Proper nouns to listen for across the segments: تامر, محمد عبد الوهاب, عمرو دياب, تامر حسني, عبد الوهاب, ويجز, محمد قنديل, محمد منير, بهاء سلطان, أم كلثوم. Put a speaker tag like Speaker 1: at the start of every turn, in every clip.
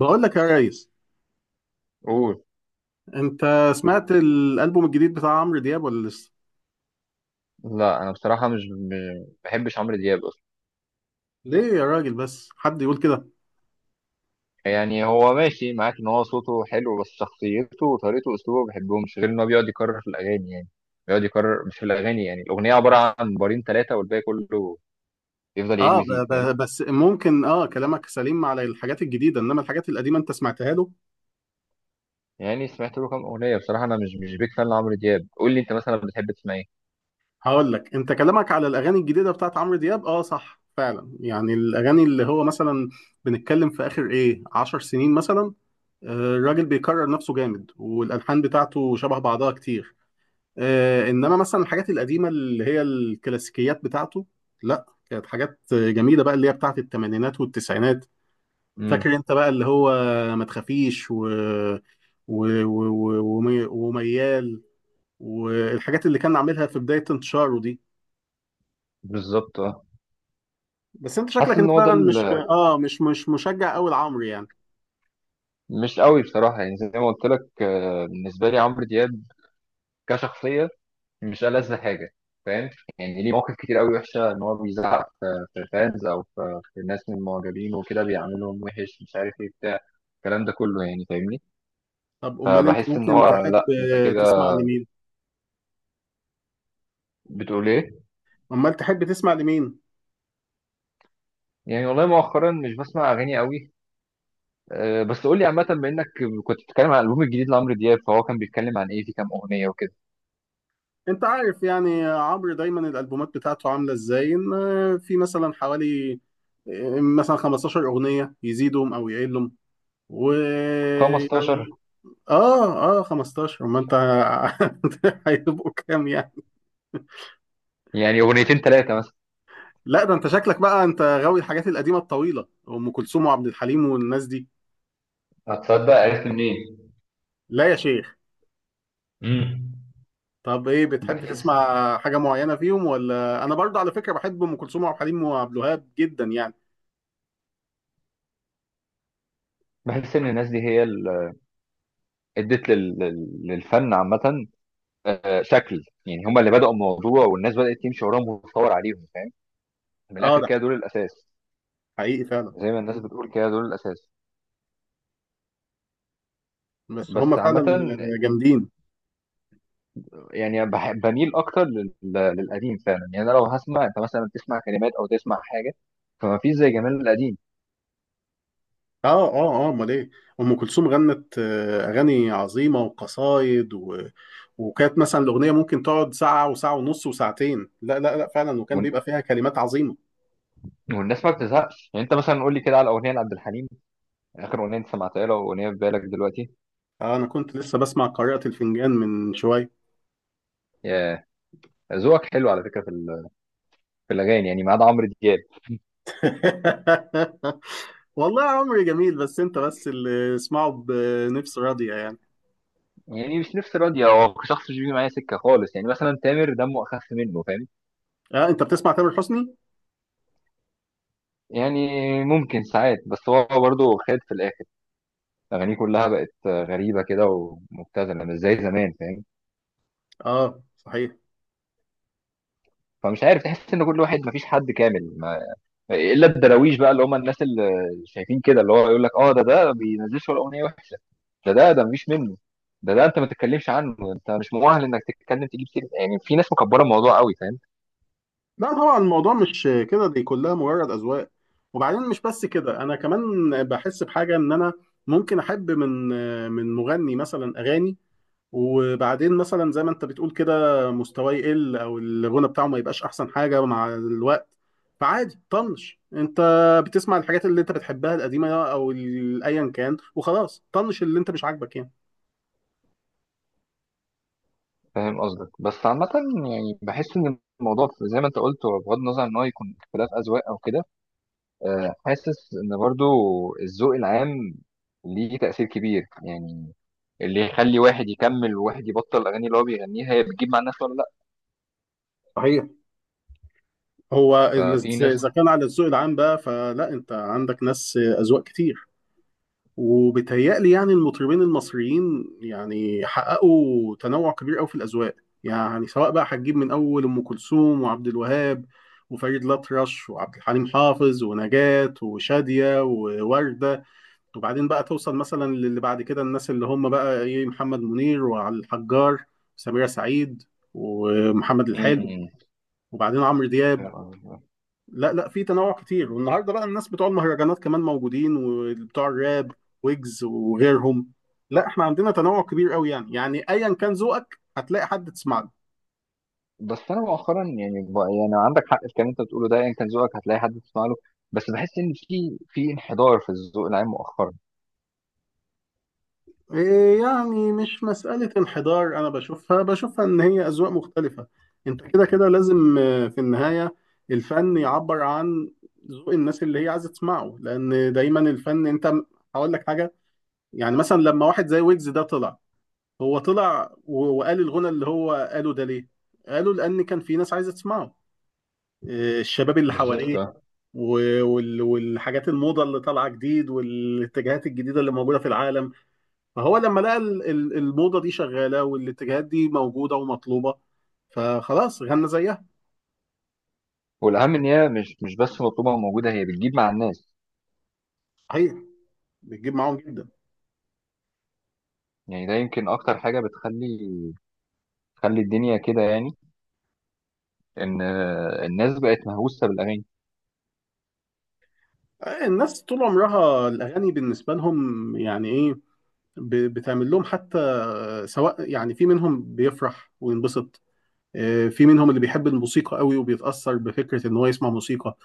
Speaker 1: بقول لك يا ريس،
Speaker 2: قول.
Speaker 1: انت سمعت الالبوم الجديد بتاع عمرو دياب ولا لسه؟
Speaker 2: لا، انا بصراحه مش بحبش عمرو دياب اصلا.
Speaker 1: ليه يا راجل؟ بس حد يقول كده؟
Speaker 2: يعني هو ماشي معاك ان هو صوته حلو، بس شخصيته وطريقته واسلوبه ما بحبهمش، غير ان هو بيقعد يكرر في الاغاني، يعني بيقعد يكرر مش في الاغاني، يعني الاغنيه عباره عن بارين ثلاثه والباقي كله يفضل يعيد
Speaker 1: اه، ب
Speaker 2: ويزيد، فاهم؟
Speaker 1: ب بس ممكن، اه، كلامك سليم على الحاجات الجديده، انما الحاجات القديمه انت سمعتها له؟
Speaker 2: يعني سمعت له كام اغنيه بصراحه، انا مش بيك فان لعمرو دياب. قول لي انت مثلا بتحب تسمع ايه؟
Speaker 1: هقول لك، انت كلامك على الاغاني الجديده بتاعت عمرو دياب اه صح فعلا، يعني الاغاني اللي هو مثلا بنتكلم في اخر ايه 10 سنين مثلا، آه، الراجل بيكرر نفسه جامد والالحان بتاعته شبه بعضها كتير. آه، انما مثلا الحاجات القديمه اللي هي الكلاسيكيات بتاعته، لا، كانت حاجات جميله بقى، اللي هي بتاعت الثمانينات والتسعينات.
Speaker 2: امم.
Speaker 1: فاكر انت بقى اللي هو ما تخافيش، وميال، والحاجات اللي كان عاملها في بدايه انتشاره دي.
Speaker 2: بالظبط، اه.
Speaker 1: بس انت
Speaker 2: حاسس
Speaker 1: شكلك انت
Speaker 2: ان هو ده
Speaker 1: فعلا مش، اه، مش مشجع قوي لعمرو يعني.
Speaker 2: مش قوي بصراحه، يعني زي ما قلت لك، بالنسبه لي عمرو دياب كشخصيه مش ألذ حاجة، فاهم؟ يعني ليه مواقف كتير قوي وحشة، إن هو بيزعق في الفانز، أو في الناس من المعجبين، وكده بيعملهم وحش، مش عارف إيه، بتاع الكلام ده كله، يعني فاهمني.
Speaker 1: طب امال انت
Speaker 2: فبحس إن
Speaker 1: ممكن
Speaker 2: هو،
Speaker 1: تحب
Speaker 2: لأ، أنت كده
Speaker 1: تسمع لمين؟
Speaker 2: بتقول إيه؟
Speaker 1: امال تحب تسمع لمين
Speaker 2: يعني والله مؤخرا مش بسمع أغاني قوي. بس قول لي عامة، بما إنك كنت بتتكلم عن الألبوم الجديد لعمرو دياب، فهو كان بيتكلم عن إيه في كام أغنية وكده.
Speaker 1: انت عارف يعني عمرو دايما الالبومات بتاعته عامله ازاي؟ ان في مثلا حوالي مثلا 15 اغنيه، يزيدهم او يقلهم،
Speaker 2: 15؟
Speaker 1: ويعني اه اه 15، ما انت هيبقوا كام يعني؟
Speaker 2: يعني أغنيتين ثلاثة مثلا.
Speaker 1: لا ده انت شكلك بقى انت غاوي الحاجات القديمه الطويله، ام كلثوم وعبد الحليم والناس دي.
Speaker 2: هتصدق عرفت منين؟
Speaker 1: لا يا شيخ.
Speaker 2: امم.
Speaker 1: طب ايه بتحب
Speaker 2: بحس،
Speaker 1: تسمع حاجه معينه فيهم؟ ولا انا برضه على فكره بحب ام كلثوم وعبد الحليم وعبد الوهاب جدا يعني.
Speaker 2: بحس إن الناس دي هي ادت للفن عامه، شكل يعني هم اللي بداوا الموضوع، والناس بدات تمشي وراهم وتتطور عليهم، فاهم؟ من
Speaker 1: اه
Speaker 2: الاخر
Speaker 1: ده
Speaker 2: كده دول الاساس.
Speaker 1: حقيقي فعلا.
Speaker 2: زي ما الناس بتقول كده، دول الاساس.
Speaker 1: بس هم
Speaker 2: بس
Speaker 1: فعلا
Speaker 2: عامه
Speaker 1: جامدين.
Speaker 2: يعني بميل اكتر للقديم فعلا. يعني انا لو هسمع، انت مثلا تسمع كلمات او تسمع حاجه، فما فيش زي جمال القديم.
Speaker 1: اه اه اه، امال ايه؟ ام كلثوم غنت آه اغاني عظيمه وقصايد، وكانت مثلا الاغنيه ممكن تقعد ساعه وساعه ونص وساعتين، لا لا لا فعلا، وكان
Speaker 2: وال-
Speaker 1: بيبقى فيها كلمات عظيمه.
Speaker 2: والناس ما بتزهقش، يعني انت مثلا قول لي كده على اغنيه لعبد الحليم، اخر اغنيه انت سمعتها له، واغنيه في بالك دلوقتي.
Speaker 1: آه، انا كنت لسه بسمع قارئة الفنجان من شويه.
Speaker 2: يا، ذوقك حلو على فكره في في الاغاني، يعني ما عدا عمرو دياب.
Speaker 1: والله عمري جميل، بس انت بس اللي اسمعه بنفس راضيه يعني.
Speaker 2: يعني مش نفسي راضية، هو شخص مش بيجي معايا سكة خالص. يعني مثلا تامر دمه أخف منه، فاهم؟
Speaker 1: اه انت بتسمع تامر حسني؟
Speaker 2: يعني ممكن ساعات، بس هو برضه خد في الآخر أغانيه كلها بقت غريبة كده، ومبتذلة، مش زي زمان، فاهم؟
Speaker 1: اه صحيح.
Speaker 2: فمش عارف، تحس إن كل واحد، مفيش حد كامل، ما... إلا الدراويش بقى، اللي هم الناس اللي شايفين كده، اللي هو يقول لك أه ده، ما بينزلش ولا أغنية وحشة، ده، ده مفيش منه، ده، أنت ما تتكلمش عنه، أنت مش مؤهل إنك تتكلم تجيب سيرة. يعني في ناس مكبرة الموضوع قوي، فاهم؟
Speaker 1: لا طبعا الموضوع مش كده، دي كلها مجرد أذواق. وبعدين مش بس كده، أنا كمان بحس بحاجة إن أنا ممكن أحب من مغني مثلا أغاني، وبعدين مثلا زي ما أنت بتقول كده، مستواه يقل أو الغنى بتاعه ما يبقاش أحسن حاجة مع الوقت. فعادي، طنش، أنت بتسمع الحاجات اللي أنت بتحبها القديمة أو أيا كان، وخلاص طنش اللي أنت مش عاجبك يعني.
Speaker 2: فاهم قصدك، بس عامة يعني بحس إن الموضوع زي ما أنت قلت، هو بغض النظر إن هو يكون اختلاف أذواق أو كده، حاسس إن برضو الذوق العام ليه تأثير كبير، يعني اللي يخلي واحد يكمل وواحد يبطل. الأغاني اللي هو بيغنيها هي بتجيب مع الناس ولا لأ؟
Speaker 1: صحيح. هو ال-
Speaker 2: ففي
Speaker 1: إذا
Speaker 2: ناس.
Speaker 1: كان على الذوق العام بقى، فلا، أنت عندك ناس أذواق كتير. وبيتهيألي يعني المطربين المصريين يعني حققوا تنوع كبير قوي في الأذواق. يعني سواء بقى هتجيب من أول أم كلثوم وعبد الوهاب وفريد الأطرش وعبد الحليم حافظ ونجاة وشادية ووردة، وبعدين بقى توصل مثلا للي بعد كده، الناس اللي هم بقى إيه، محمد منير وعلي الحجار وسميرة سعيد ومحمد الحلو،
Speaker 2: مم.
Speaker 1: وبعدين عمرو دياب.
Speaker 2: فاهم قصدك.
Speaker 1: لا لا، في تنوع كتير. والنهارده بقى الناس بتوع المهرجانات كمان موجودين، وبتوع الراب، ويجز وغيرهم. لا، احنا عندنا تنوع كبير قوي، يعني يعني ايا كان ذوقك هتلاقي حد تسمع له.
Speaker 2: بس أنا مؤخرا، يعني يعني عندك حق في الكلام اللي أنت بتقوله ده، يعني كان ذوقك هتلاقي حد تسمع له، بس بحس إن في انحدار في الذوق العام مؤخرا.
Speaker 1: إيه يعني، مش مسألة انحدار، انا بشوفها، ان هي اذواق مختلفة. انت كده كده لازم، آه، في النهاية الفن يعبر عن ذوق الناس اللي هي عايزة تسمعه، لان دايما الفن انت هقول لك حاجة، يعني مثلا لما واحد زي ويجز ده طلع، هو طلع وقال الغنى اللي هو قاله ده، ليه؟ قالوا لأن كان في ناس عايزة تسمعه، آه، الشباب اللي حواليه،
Speaker 2: بالظبط.
Speaker 1: والحاجات الموضة اللي طالعة جديد والاتجاهات الجديدة اللي موجودة في العالم. فهو لما لقى الموضة دي شغالة والاتجاهات دي موجودة ومطلوبة، فخلاص غنى زيها.
Speaker 2: والاهم ان هي مش بس مطلوبه وموجوده، هي بتجيب مع الناس.
Speaker 1: صحيح، بتجيب معاهم جدا.
Speaker 2: يعني ده يمكن اكتر حاجه تخلي الدنيا كده. يعني ان، الناس بقت مهووسه بالاغاني.
Speaker 1: آه، الناس طول عمرها الأغاني بالنسبة لهم يعني إيه، بتعمل لهم حتى، آه، سواء يعني في منهم بيفرح وينبسط، آه، في منهم اللي بيحب الموسيقى قوي وبيتأثر بفكرة ان هو يسمع موسيقى،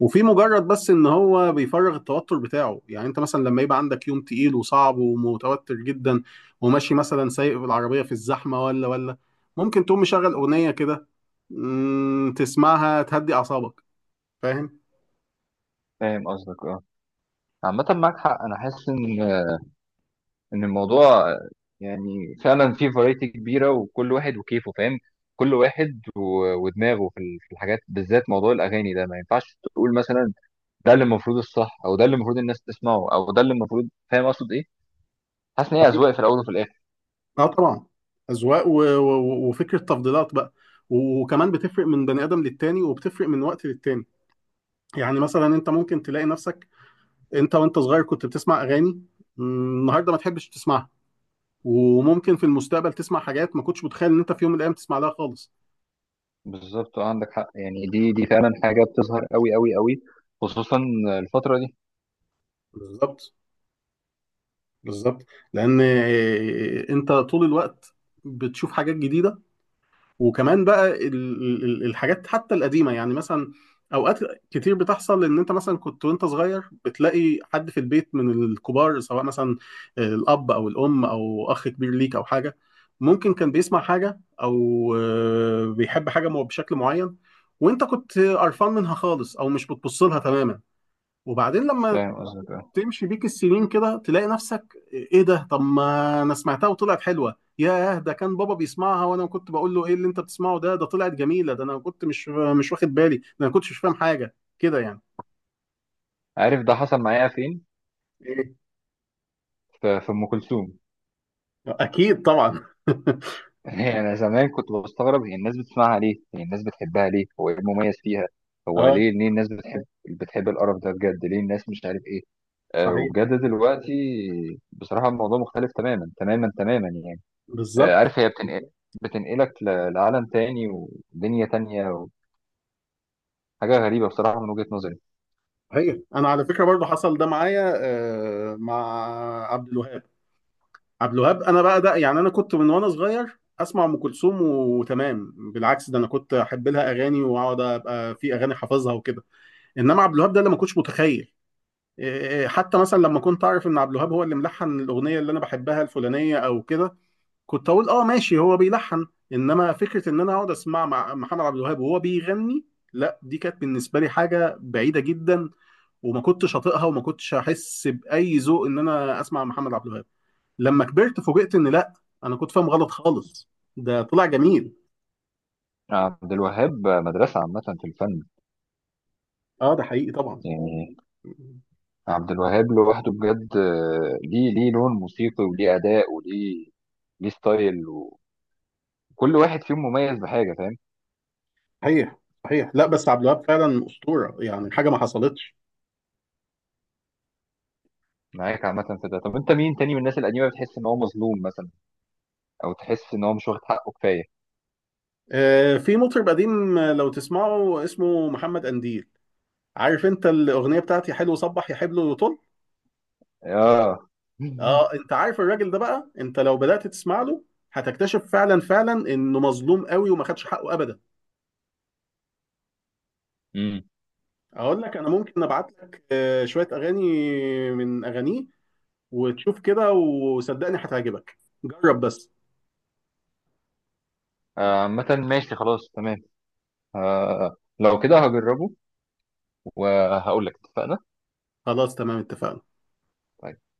Speaker 1: وفي مجرد بس ان هو بيفرغ التوتر بتاعه. يعني انت مثلا لما يبقى عندك يوم تقيل وصعب ومتوتر جدا وماشي مثلا سايق بالعربية في الزحمة، ولا ممكن تقوم مشغل أغنية كده، مم، تسمعها تهدي أعصابك. فاهم؟
Speaker 2: فاهم قصدك، اه. عامه معاك حق، انا حاسس ان، ان الموضوع، يعني فعلا فيه فرايتي كبيره، وكل واحد وكيفه، فاهم؟ كل واحد ودماغه في في الحاجات، بالذات موضوع الاغاني ده ما ينفعش تقول مثلا ده اللي المفروض الصح، او ده اللي المفروض الناس تسمعه، او ده اللي المفروض، فاهم اقصد ايه؟ حاسس ان هي اذواق في الاول وفي الاخر.
Speaker 1: اه طبعا، أذواق وفكرة تفضيلات بقى، وكمان بتفرق من بني آدم للتاني، وبتفرق من وقت للتاني. يعني مثلا انت ممكن تلاقي نفسك انت وانت صغير كنت بتسمع اغاني، مم، النهارده ما تحبش تسمعها. وممكن في المستقبل تسمع حاجات ما كنتش متخيل ان انت في يوم من الايام تسمع لها خالص.
Speaker 2: بالظبط. عندك حق، يعني دي فعلا حاجة بتظهر قوي قوي قوي، خصوصا الفترة دي.
Speaker 1: بالظبط، بالظبط. لان، آه، انت طول الوقت بتشوف حاجات جديده. وكمان بقى الحاجات حتى القديمة، يعني مثلا أوقات كتير بتحصل إن أنت مثلا كنت وأنت صغير بتلاقي حد في البيت من الكبار، سواء مثلا الأب أو الأم أو أخ كبير ليك أو حاجة، ممكن كان بيسمع حاجة أو، آه، بيحب حاجة بشكل معين، وأنت كنت قرفان منها خالص أو مش بتبص لها تماما، وبعدين لما
Speaker 2: فاهم قصدك، آه.
Speaker 1: تمشي بيك السنين كده، تلاقي نفسك ايه ده؟ طب ما انا سمعتها وطلعت حلوه. ياه، ده كان بابا بيسمعها وانا كنت بقول له ايه اللي انت بتسمعه ده؟ ده طلعت جميله، ده انا كنت مش واخد بالي، ده انا كنتش مش فاهم حاجه كده يعني.
Speaker 2: عارف ده حصل معايا فين؟
Speaker 1: ايه؟
Speaker 2: في أم كلثوم.
Speaker 1: اكيد طبعا.
Speaker 2: يعني أنا زمان كنت بستغرب، هي الناس بتسمعها ليه؟ هي الناس بتحبها ليه؟ هو إيه المميز فيها؟ هو
Speaker 1: اه
Speaker 2: ليه، ليه الناس بتحب، بتحب القرف ده بجد؟ ليه الناس مش عارف إيه؟ آه،
Speaker 1: صحيح.
Speaker 2: وبجد دلوقتي بصراحة الموضوع مختلف تماما تماما تماما، يعني آه،
Speaker 1: بالظبط.
Speaker 2: عارف هي بتنقل، بتنقلك لعالم تاني ودنيا تانية، حاجة غريبة بصراحة من وجهة نظري.
Speaker 1: صحيح، انا على فكره برضو حصل ده معايا، آه، مع عبد الوهاب. عبد الوهاب انا بقى ده، يعني انا كنت من وانا صغير اسمع ام كلثوم وتمام، بالعكس ده انا كنت احب لها اغاني واقعد ابقى في اغاني حافظها وكده. انما عبد الوهاب ده اللي ما كنتش متخيل، إيه، حتى مثلا لما كنت اعرف ان عبد الوهاب هو اللي ملحن الاغنيه اللي انا بحبها الفلانيه او كده، كنت اقول اه ماشي، هو بيلحن. انما فكره ان انا اقعد اسمع مع محمد عبد الوهاب وهو بيغني، لا، دي كانت بالنسبه لي حاجه بعيده جدا، وما كنتش اطيقها، وما كنتش احس باي ذوق ان انا اسمع محمد عبد الوهاب. لما كبرت فوجئت ان لا، انا كنت فاهم غلط خالص، ده طلع جميل.
Speaker 2: عبد الوهاب مدرسة عامة في الفن.
Speaker 1: اه ده حقيقي طبعا.
Speaker 2: يعني عبد الوهاب لوحده بجد، ليه، ليه لون موسيقي، وليه أداء، وليه ليه ستايل، وكل واحد فيهم مميز بحاجة، فاهم؟
Speaker 1: صحيح، صحيح. لا بس عبد الوهاب فعلا اسطوره، يعني حاجه ما حصلتش.
Speaker 2: معاك عامة في ده. طب أنت مين تاني من الناس القديمة بتحس إن هو مظلوم مثلا، أو تحس إن هو مش واخد حقه كفاية؟
Speaker 1: آه، في مطرب قديم، آه، لو تسمعه اسمه محمد قنديل، عارف انت الاغنيه بتاعتي حلو صبح يا حبل وطل؟
Speaker 2: آه.
Speaker 1: اه، انت عارف الراجل ده بقى، انت لو بدات تسمع له هتكتشف فعلا فعلا انه مظلوم قوي وما خدش حقه ابدا.
Speaker 2: امم.
Speaker 1: اقول لك انا ممكن ابعت لك، آه، شويه اغاني من اغانيه، وتشوف كده، وصدقني هتعجبك، جرب بس.
Speaker 2: عامة ماشي، خلاص، تمام. لو كده هجربه وهقول لك. اتفقنا.
Speaker 1: خلاص تمام، اتفقنا.
Speaker 2: طيب.